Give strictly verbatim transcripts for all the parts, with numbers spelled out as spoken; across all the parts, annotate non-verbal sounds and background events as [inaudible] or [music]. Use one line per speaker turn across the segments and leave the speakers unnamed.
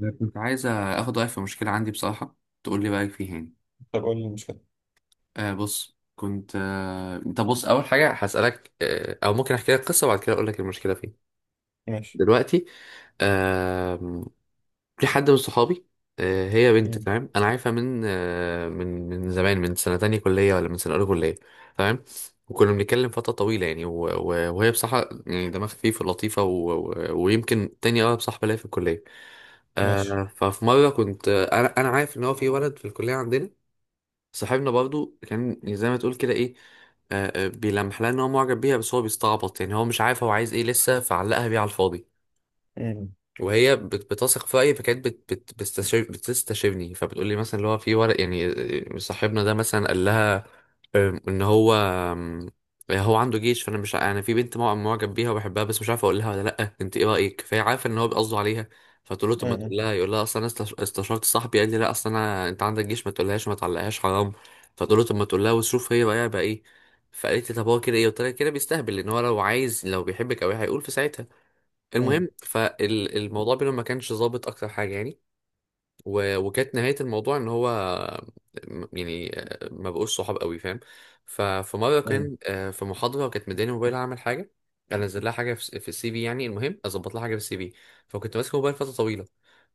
أنا كنت عايز اخد رايك في مشكله عندي بصراحه، تقول لي رايك فيها يعني
طب قول لي المشكلة.
آه بص، كنت آه... طب بص، اول حاجه هسالك آه... او ممكن احكي لك قصه وبعد كده اقول لك المشكله فين.
ماشي.
دلوقتي آه... في حد من صحابي. آه... هي بنت
مم.
تمام، انا عارفها من آه... من من زمان، من سنه تانية كليه ولا من سنه اولى كليه. تمام. وكنا بنتكلم فتره طويله، يعني و... و... وهي بصراحه يعني دماغها خفيف ولطيفه، و... و... ويمكن تاني اقرب صاحبه ليا في الكليه.
ماشي.
آه ففي مرة كنت آه، أنا أنا عارف إن هو في ولد في الكلية عندنا، صاحبنا برضو، كان زي ما تقول كده إيه، آه آه، بيلمح لها إن هو معجب بيها، بس هو بيستعبط، يعني هو مش عارف هو عايز إيه لسه، فعلقها بيه على الفاضي.
مم.
وهي بت- بتثق في رأيي، فكانت بت بت بتستشير بتستشيرني، فبتقول لي مثلا اللي هو في ورق يعني آه، صاحبنا ده مثلا قال لها آم، ان هو آم، هو عنده جيش، فانا مش ع- انا في بنت مع- معجب بيها وبحبها بس مش عارف اقول لها ولا لا، انت ايه رايك؟ فهي عارفه ان هو بيقصده عليها. فتقول له، طب ما
مم.
تقول لها. يقول لها، اصلا انا استش- استشرت صاحبي قال لي لا، اصلا انا انت عندك جيش، ما تقولهاش، ما تعلقهاش، حرام. فتقول له، طب ما تقول لها وشوف هي بقى بقى ايه. فقالت لي، طب هو كده ايه؟ قلت لها، كده بيستهبل، لان هو لو عايز، لو بيحبك او ايه هيقول في ساعتها.
مم.
المهم، فالموضوع بينهم ما كانش ظابط اكتر حاجه يعني و... وكانت نهايه الموضوع ان هو، م- يعني آه، ما بقوش صحاب قوي، فاهم. ففي مره
مم.
كان آه، في محاضره وكانت مداني موبايل اعمل حاجه، انزل لها حاجه في في السي في، يعني المهم اظبط لها حاجه في السي في. فكنت ماسك الموبايل فتره طويله،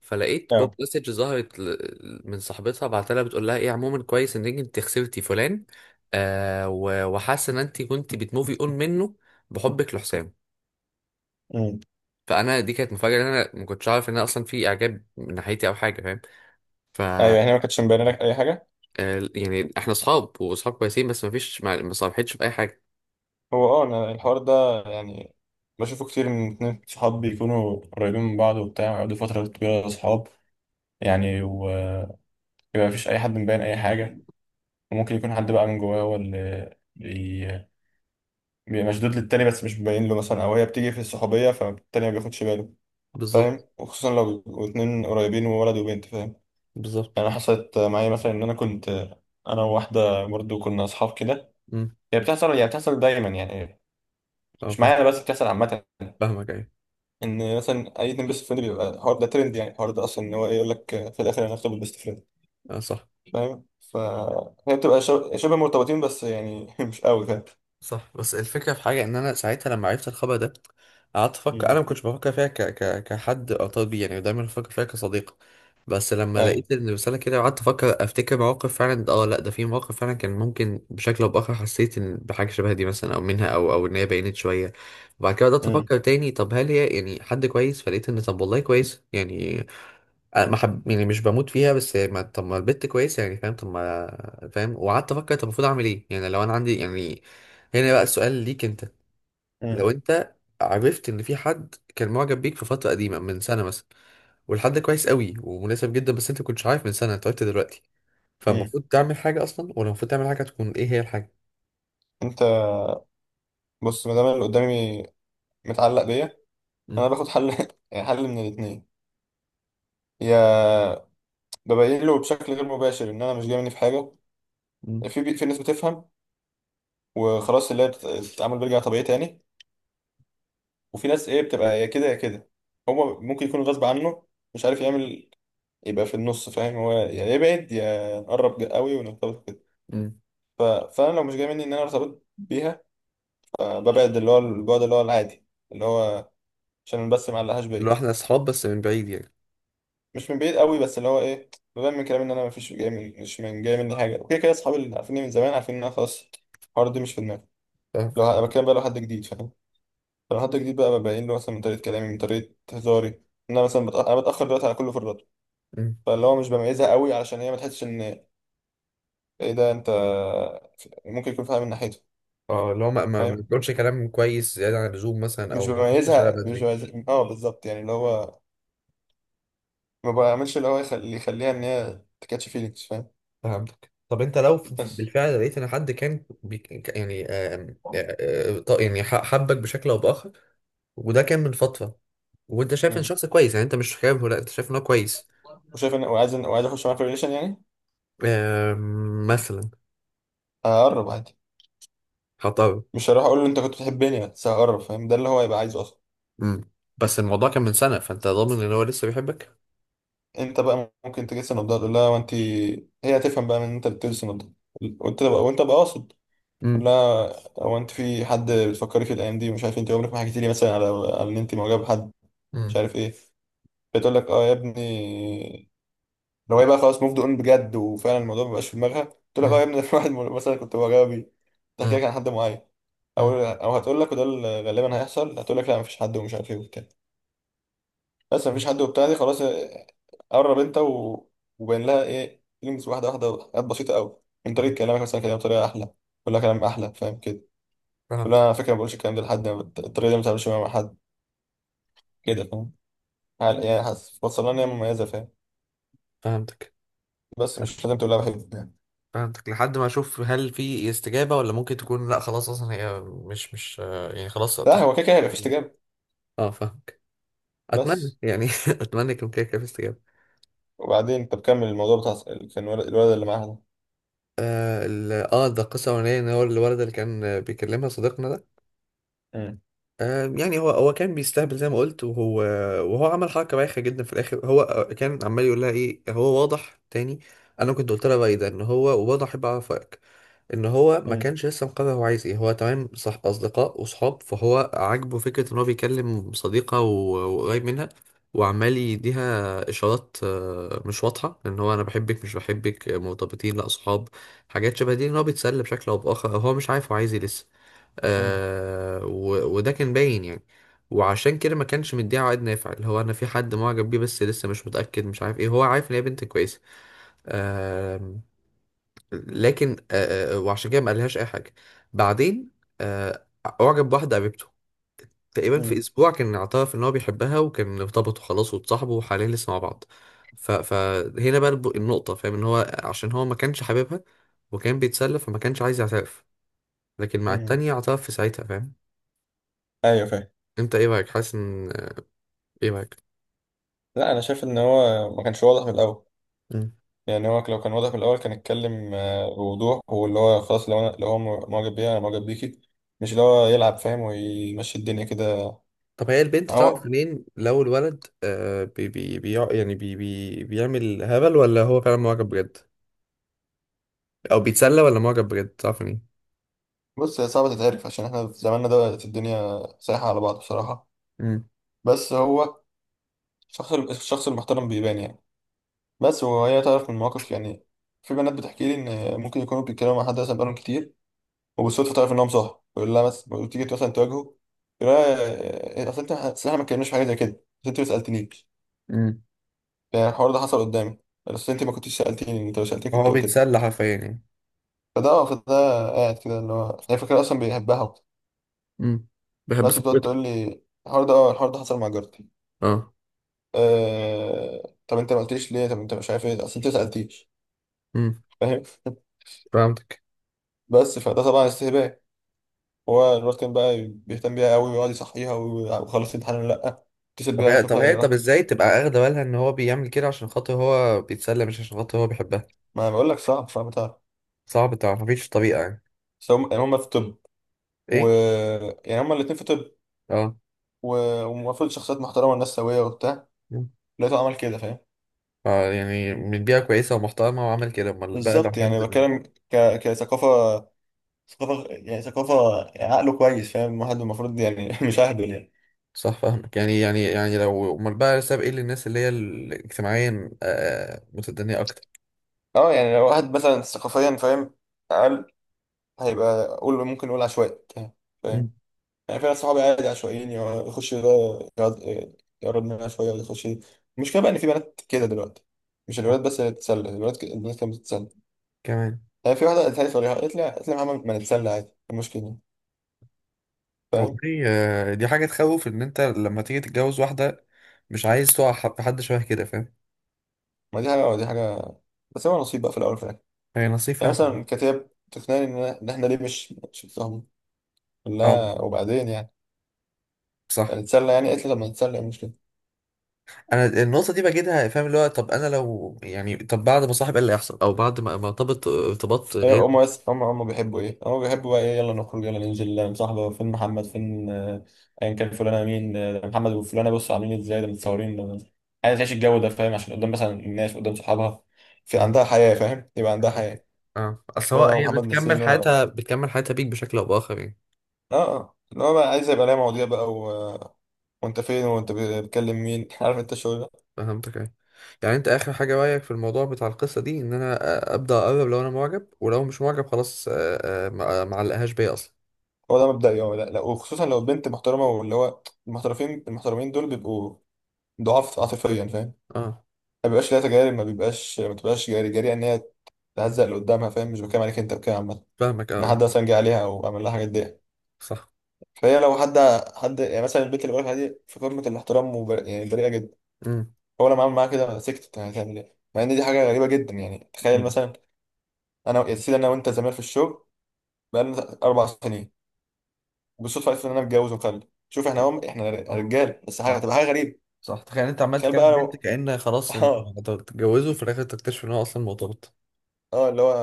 فلقيت بوب
أيوه.
مسج ظهرت، ل- من صاحبتها بعتها لها، بتقول لها ايه عموما، كويس ان انت خسرتي فلان. آه و- وحاسه ان انت كنت بتموفي اون منه. بحبك لحسام.
مم.
فانا دي كانت مفاجاه، ان انا ما كنتش اعرف ان انا اصلا في اعجاب من ناحيتي او حاجه، فاهم. ف
أيوه،
آه،
يعني أنا ما كانتش مبينة لك أي حاجة.
يعني احنا اصحاب واصحاب كويسين، بس ما فيش، ما ما صالحتش في اي حاجه.
هو أه أنا الحوار ده يعني بشوفه كتير من اتنين صحاب بيكونوا قريبين من بعض وبتاع، ويقعدوا فترة طويلة صحاب، يعني، ويبقى مفيش أي حد مبين أي حاجة. وممكن يكون حد بقى من جواه هو اللي بي... بيبقى مشدود للتاني، بس مش مبين له مثلا، أو هي بتيجي في الصحوبية فالتاني ما بياخدش باله.
بالظبط.
فاهم؟ وخصوصا لو بيبقوا اتنين قريبين، وولد وبنت. فاهم؟
بالظبط.
يعني حصلت معايا مثلا، ان انا كنت انا وواحده برضو كنا اصحاب كده.
امم.
هي بتحصل، هي بتحصل دايما يعني.
اه
مش
فاهم.
معايا انا بس، بتحصل عامه.
فاهمك، ايوه.
ان مثلا اي اتنين بيست فريند بيبقى الحوار ده ترند، يعني الحوار ده اصلا ان هو ايه، يقول لك في الاخر انا هخطب البيست فريند.
اه صح.
فاهم؟ فهي بتبقى شب- شبه مرتبطين، بس يعني [laughs] مش قوي. فاهم؟
صح. بس الفكرة في حاجة ان انا ساعتها لما عرفت الخبر ده، قعدت افكر، انا
مم.
ما كنتش بفكر فيها ك... ك... كحد ارتبط بيه، يعني دايما بفكر فيها كصديق. بس لما
اي.
لقيت ان الرسالة كده، قعدت افكر، افتكر مواقف، فعلا اه لا، ده في مواقف فعلا كان ممكن بشكل او باخر حسيت ان بحاجة شبه دي مثلا، او منها، او او ان هي بينت شوية. وبعد كده بدأت
مم.
افكر تاني، طب هل هي يعني حد كويس؟ فلقيت ان طب والله كويس يعني، أنا ما حب يعني مش بموت فيها، بس ما طب ما البت كويسه يعني، فاهم. طب ما فاهم، وقعدت افكر طب المفروض اعمل ايه، يعني لو انا عندي يعني. هنا بقى السؤال ليك انت.
مم.
لو انت عرفت ان في حد كان معجب بيك في فتره قديمه، من سنه مثلا، والحد ده كويس قوي ومناسب جدا، بس انت ما كنتش عارف من سنه، انت عرفت دلوقتي،
مم.
فالمفروض تعمل حاجه اصلا، ولا المفروض تعمل حاجه تكون ايه هي الحاجه؟
انت بص، ما دام اللي قدامي متعلق بيا،
مم.
انا باخد حل [laughs] حل من الاثنين: يا ببين له بشكل غير مباشر ان انا مش جاي مني في حاجه.
مم.
في في ناس بتفهم، وخلاص اللي هي بت- التعامل بيرجع طبيعي تاني. وفي ناس ايه، بتبقى يا كده يا كده. هو ممكن يكون غصب عنه، مش عارف يعمل، يبقى في النص. فاهم؟ هو يا يبعد يا نقرب قوي ونرتبط كده.
مم.
ف... فانا لو مش جاي مني ان انا ارتبط بيها، فببعد اللي هو البعد اللي هو العادي، اللي هو عشان بس ما علقهاش بيا.
لو احنا اصحاب بس من بعيد يعني؟
مش من بعيد قوي، بس اللي هو ايه، ببان من كلامي ان انا مفيش جاي من، مش من جاي مني حاجه. وكده كده اصحابي اللي عارفيني من زمان عارفين ان انا خلاص، الحوار ده مش في دماغي.
فاهم.
لو ه- بتكلم بقى لو حد جديد. فاهم؟ لو حد جديد بقى ببين له مثلا من طريقة كلامي، من طريقة هزاري، إن أنا مثلا بتأ... أنا بتأخر دلوقتي على كل فرداته.
مم.
فاللي هو مش بميزها قوي، علشان هي ما تحسش إن إيه ده، أنت ممكن يكون فاهم من ناحيته.
اه، اللي هو ما ما ما
فاهم؟
بنقولش كلام كويس زياده عن اللزوم مثلا،
مش
او ما تردش عليا
بميزها مش
بدري.
بميزها أه بالظبط، يعني اللي هو ما بعملش اللي هو يخلي اللي يخليها إن هي تكاتش فيلينجز. فاهم؟
فهمتك. طب انت لو ف-
بس.
بالفعل لقيت ان حد كان بيك يعني، آم، آه، آه، ط- يعني ح- حبك بشكل او باخر، وده كان من فتره، وانت شايف ان
مم.
شخص كويس يعني، انت مش شايفه لا، انت شايف ان هو كويس.
وشايف إن وعايز وعايز أخش معاه في ريليشن يعني.
آم، مثلا.
هقرب عادي.
خطأ.
مش هروح أقول له أنت كنت بتحبني، بس هقرب. فاهم؟ ده اللي هو يبقى عايزه أصلا.
امم. بس الموضوع كان من سنه، فانت ضامن ان هو لسه بيحبك؟
انت بقى ممكن تجس النبضة تقول لها، وانت هي هتفهم بقى من ان انت بتجس النبضة. وانت بقى وانت بقى قاصد تقول
امم.
لها: هو انت في حد بتفكري في الايام دي؟ مش عارف، انت عمرك ما حكيتي لي مثلا على على ان انت معجبه بحد، مش
امم.
عارف ايه. بتقول لك: اه يا ابني. لو هي بقى خلاص موفد اون بجد وفعلا الموضوع ما بقاش في دماغها، تقول لك: اه يا
امم.
ابني ده [laughs] واحد مثلا كنت معجبه بيه. تحكي
امم.
لك عن حد معين، او
امم.
او هتقول لك، وده اللي غالبا هيحصل، هتقول لك: لا مفيش حد ومش عارف ايه وبتاع. بس مفيش حد وبتاع دي خلاص. آه، قرب انت و... وبين لها ايه فيلينجز، واحده واحده، حاجات بسيطه قوي. من طريقه
امم.
كلامك مثلا كده بطريقه احلى، كل كلام احلى. فاهم كده؟ كل،
فهمتك.
انا على فكره ما بقولش الكلام ده لحد، أنا بت- الطريقه دي ما بتعملش مع حد كده. فاهم؟ هل- يعني حاسس وصلنا ان هي مميزه. فاهم؟
فهمتك.
بس مش لازم تقول لها بحبك يعني.
فهمتك، لحد ما اشوف هل في استجابه، ولا ممكن تكون لا خلاص، اصلا هي مش مش آه، يعني خلاص،
لا هو
اتخطى
كده كده هيبقى في
الموضوع.
استجابه.
اه فاهمك. اتمنى
بس،
يعني [laughs] اتمنى يكون كده كده في استجابه.
وبعدين انت بكمل الموضوع بتاع س- ال- كان الولد الولد اللي معاها ده.
اه ال- آه، ده قصه اولانيه، ان هو الولد اللي كان آه، بيكلمها صديقنا ده،
مم.
آه يعني هو هو كان بيستهبل زي ما قلت، وهو وهو عمل حركه بايخه جدا في الاخر. هو آه، كان عمال يقول لها ايه، هو واضح تاني، انا كنت قلت لها بقى إيه ده، ان هو واضح، احب اعرف رايك. ان هو ما
مم.
كانش لسه مقرر هو عايز ايه، هو تمام صح اصدقاء وصحاب، فهو عاجبه فكره ان هو بيكلم صديقه و- وقريب منها، وعمال يديها اشارات آه، مش واضحه، ان هو انا بحبك مش بحبك، آه، مرتبطين لا اصحاب، حاجات شبه دي، ان هو بيتسلى بشكل او باخر، هو مش عارف هو عايز ايه لسه.
مم.
آه و- وده كان باين يعني. وعشان كده ما كانش مديها عائد نافع، اللي هو انا في حد معجب بيه بس لسه مش متاكد، مش عارف ايه، هو عارف ان هي بنت كويسه، لكن آه، آه، آه، وعشان كده ما قالهاش اي حاجه. بعدين آه، اعجب بواحده قريبته، تقريبا في
مم.
اسبوع كان اعترف ان هو بيحبها، وكان ارتبطوا خلاص، واتصاحبوا، وحاليا لسه مع بعض. ف... فهنا بقى الب- النقطه، فاهم، ان هو عشان هو ما كانش حاببها، وكان بيتسلى، فما كانش عايز يعترف، لكن مع
مم.
التانية اعترف في ساعتها، فاهم.
ايوه فاهم.
انت ايه رايك؟ حاسس ان، ايه رايك؟
لا انا شايف ان هو ما كانش واضح من الاول.
مم.
يعني هو لو كان واضح من الأول كان اتكلم آه، بوضوح، واللي هو خلاص لو أنا لو هو معجب بيها أنا معجب بيكي. مش اللي هو يلعب فاهم ويمشي الدنيا كده.
طب هي البنت تعرف
هو
منين لو الولد آه بي بي بي يعني بي بي بيعمل هبل، ولا هو فعلا معجب بجد، او بيتسلى ولا معجب بجد، تعرف مين؟
بص، هي صعبة تتعرف عشان احنا في زماننا ده الدنيا سايحة على بعض بصراحة.
امم.
بس هو الشخص الشخص المحترم بيبان يعني. بس وهي تعرف من مواقف يعني. في بنات بتحكي لي إن ممكن يكونوا بيتكلموا مع حد مثلا بقالهم كتير، وبالصدفة تعرف إنهم صح، يقول لها مثلا، تيجي مثلا تواجهه، يقول لها: آه، أصل أنت أصل إحنا ما اتكلمناش في حاجة زي كده، بس أنت ما سألتنيش.
امم.
يعني الحوار ده حصل قدامي: بس انت ما كنتش سالتيني، انت لو سالتني كنت
هو
قلت لي.
بيتسلى حرفيا يعني.
فده آه، فده قاعد كده اللي هو هي فكره اصلا بيحبها وبتاع.
امم. بحب
بس بتقعد
صاحبته.
تقول لي: الحوار ده، اه الحوار ده حصل مع جارتي.
اه.
آه... طب انت ما قلتليش ليه؟ طب انت مش عارف ايه، اصل انت ما سالتيش.
امم.
فاهم؟
فهمتك.
[laughs] بس فده طبعا استهبال. هو الواد كان بقى بيهتم بيها قوي ويقعد يصحيها وي- وخلص الامتحان ولا لا، اتصل
طب
بيها،
هي طب
شوفها هي
هي طب
راحت.
ازاي تبقى اخده بالها ان هو بيعمل كده عشان خاطر هو بيتسلى، مش عشان خاطر هو بيحبها؟
ما بقول لك صعب صعب تعرف.
صعب تعرف، مفيش طريقة يعني؟
بس هم يعني هم في طب، و
ايه.
يعني هم الاثنين في طب،
اه.
و- ومفروض شخصيات محترمه والناس سويه وبتاع.
مم.
لقيته عمل كده. فاهم؟
اه، يعني من بيئة كويسة ومحترمة وعمل كده، امال بقى لو
بالظبط.
حد.
يعني بتكلم ك... كثقافة ثقافة يعني ثقافة، عقله كويس فاهم واحد، المفروض يعني [laughs] مش أهبل يعني.
صح. فاهمك. يعني يعني يعني لو امال بقى ساب ايه للناس اللي هي ال- اجتماعيا آه متدنية اكتر.
اه، يعني لو واحد مثلا ثقافيا فاهم أقل، هيبقى قول ممكن نقول عشوائي. فاهم؟
امم.
يعني في ناس صحابي عادي عشوائيين، يقعد- يخش ده، يقعد- يقرب منها شوية ولا يخش دي. المشكلة بقى إن في بنات كده دلوقتي، مش
اه
الولاد بس اللي بتتسلى الولاد، ك... البنات كانت بتتسلى.
كمان.
يعني في واحدة قالت لي صريحة، قالت لي قالت لي: يا محمد ما نتسلى عادي، إيه المشكلة؟ فاهم؟
والله آه، دي حاجة تخوف إن أنت لما تيجي تتجوز واحدة مش عايز تقع ح- في حد شبه كده، فاهم.
ما دي حاجة ودي حاجة، بس هو نصيب بقى في الأول وفي الآخر.
هي
يعني
نصيفة.
مثلا كتاب تقنعني إن إن إحنا ليه مش مش بنفهم.
اه
لا وبعدين يعني
صح.
نتسلى يعني. قالت لي: طب ما نتسلى إيه المشكلة.
أنا النقطة دي بجدها، فاهم، اللي هو طب أنا لو يعني، طب بعد ما صاحب إيه اللي هيحصل، أو بعد ما ما ارتبط ارتباط
هي
غير.
هما بس هما هما بيحبوا إيه، هما بيحبوا بقى إيه، يلا نخرج يلا ننزل يلا نصاحبه فين محمد فين آه، أيا كان، فلانة مين، آه، ده محمد وفلانة، بصوا عاملين إيه، إزاي ده متصورين ده- عايز تعيش الجو ده. فاهم؟ عشان قدام مثلا، الناس قدام صحابها، في
مم.
عندها حياة، فاهم يبقى عندها حياة.
اه، أصل هو،
وأنا
هي
ومحمد
بتكمل
نسيين، وأنا آه.
حياتها، بتكمل حياتها بيك بشكل أو بآخر يعني.
آه، اللي هو بقى عايز يبقى ليا مواضيع بقى و... وأنت فين وأنت بتكلم مين [laughs] عارف أنت الشغل ده.
فهمتك أيوة. يعني أنت آخر حاجة، رأيك في الموضوع بتاع القصة دي إن أنا آه، أبدأ أقرب، لو أنا معجب، ولو مش معجب خلاص آه، آه، ما ما علقهاش بيا أصلا.
هو ده مبدئي، هو لا, لا وخصوصا لو البنت محترمه، واللي هو المحترفين المحترمين دول بيبقوا ضعاف عاطفيا. فاهم؟
اه
ما بيبقاش لها تجارب، ما بيبقاش ما تبقاش جاري جاري ان هي تهزق اللي قدامها. فاهم؟ مش بتكلم عليك، انت بتكلم عامه،
فاهمك. اه
ان
آه،
حد مثلا جه عليها او عمل لها حاجات دي.
صح.
فهي لو حد حد يعني، مثلا البنت اللي بقولها دي في قمه الاحترام وبر... يعني بريئه جدا.
امم.
هو لما عمل معاها كده أنا سكتت، هتعمل ايه مع ان دي حاجه غريبه جدا. يعني تخيل
امم.
مثلا، انا يا سيدي انا وانت زمان في الشغل بقالنا اربع سنين، وبالصدفه عرفت ان انا متجوز ومخلف. شوف احنا هم احنا
صح.
رجال بس، حاجه
صح.
هتبقى حاجه غريبه.
صح. تخيل انت عمال
تخيل بقى
تكلم بنت
لو
كأن
[laughs]
خلاص انت
اه.
هتتجوزه، وفي الاخر تكتشف ان هو اصلا مرتبط.
اه اللي هو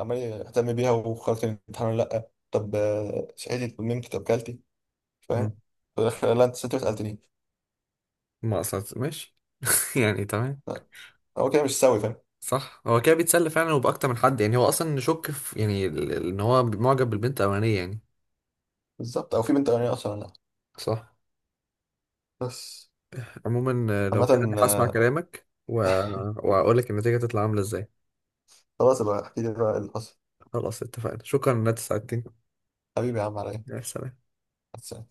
عمال يهتم بيها وخلاص، كان الامتحان ولا لا، طب آه، صحيتي، طب نمت، طب كلتي. فاهم؟
امم.
في الآخر، لا انت ست ما سالتنيش.
ما اصلا ماشي [laughs] يعني تمام.
لا، هو كده مش سوي. فاهم؟
صح، هو كده بيتسلى فعلا وبأكتر من حد يعني، هو اصلا نشك في يعني ال- ال- ان هو معجب بالبنت الاولانيه يعني.
بالظبط، او في بنت اغنيه اصلا ولا لا.
صح.
بس.
عموما آه، لو كده انا
عامة
هسمع
آه،
كلامك و... واقول لك النتيجه تطلع عامله ازاي.
خلاص بقى احكي لي بقى اللي حصل.
خلاص اتفقنا، شكرا ان انت ساعدتني.
حبيبي يا عم،
يا سلام.
عليا.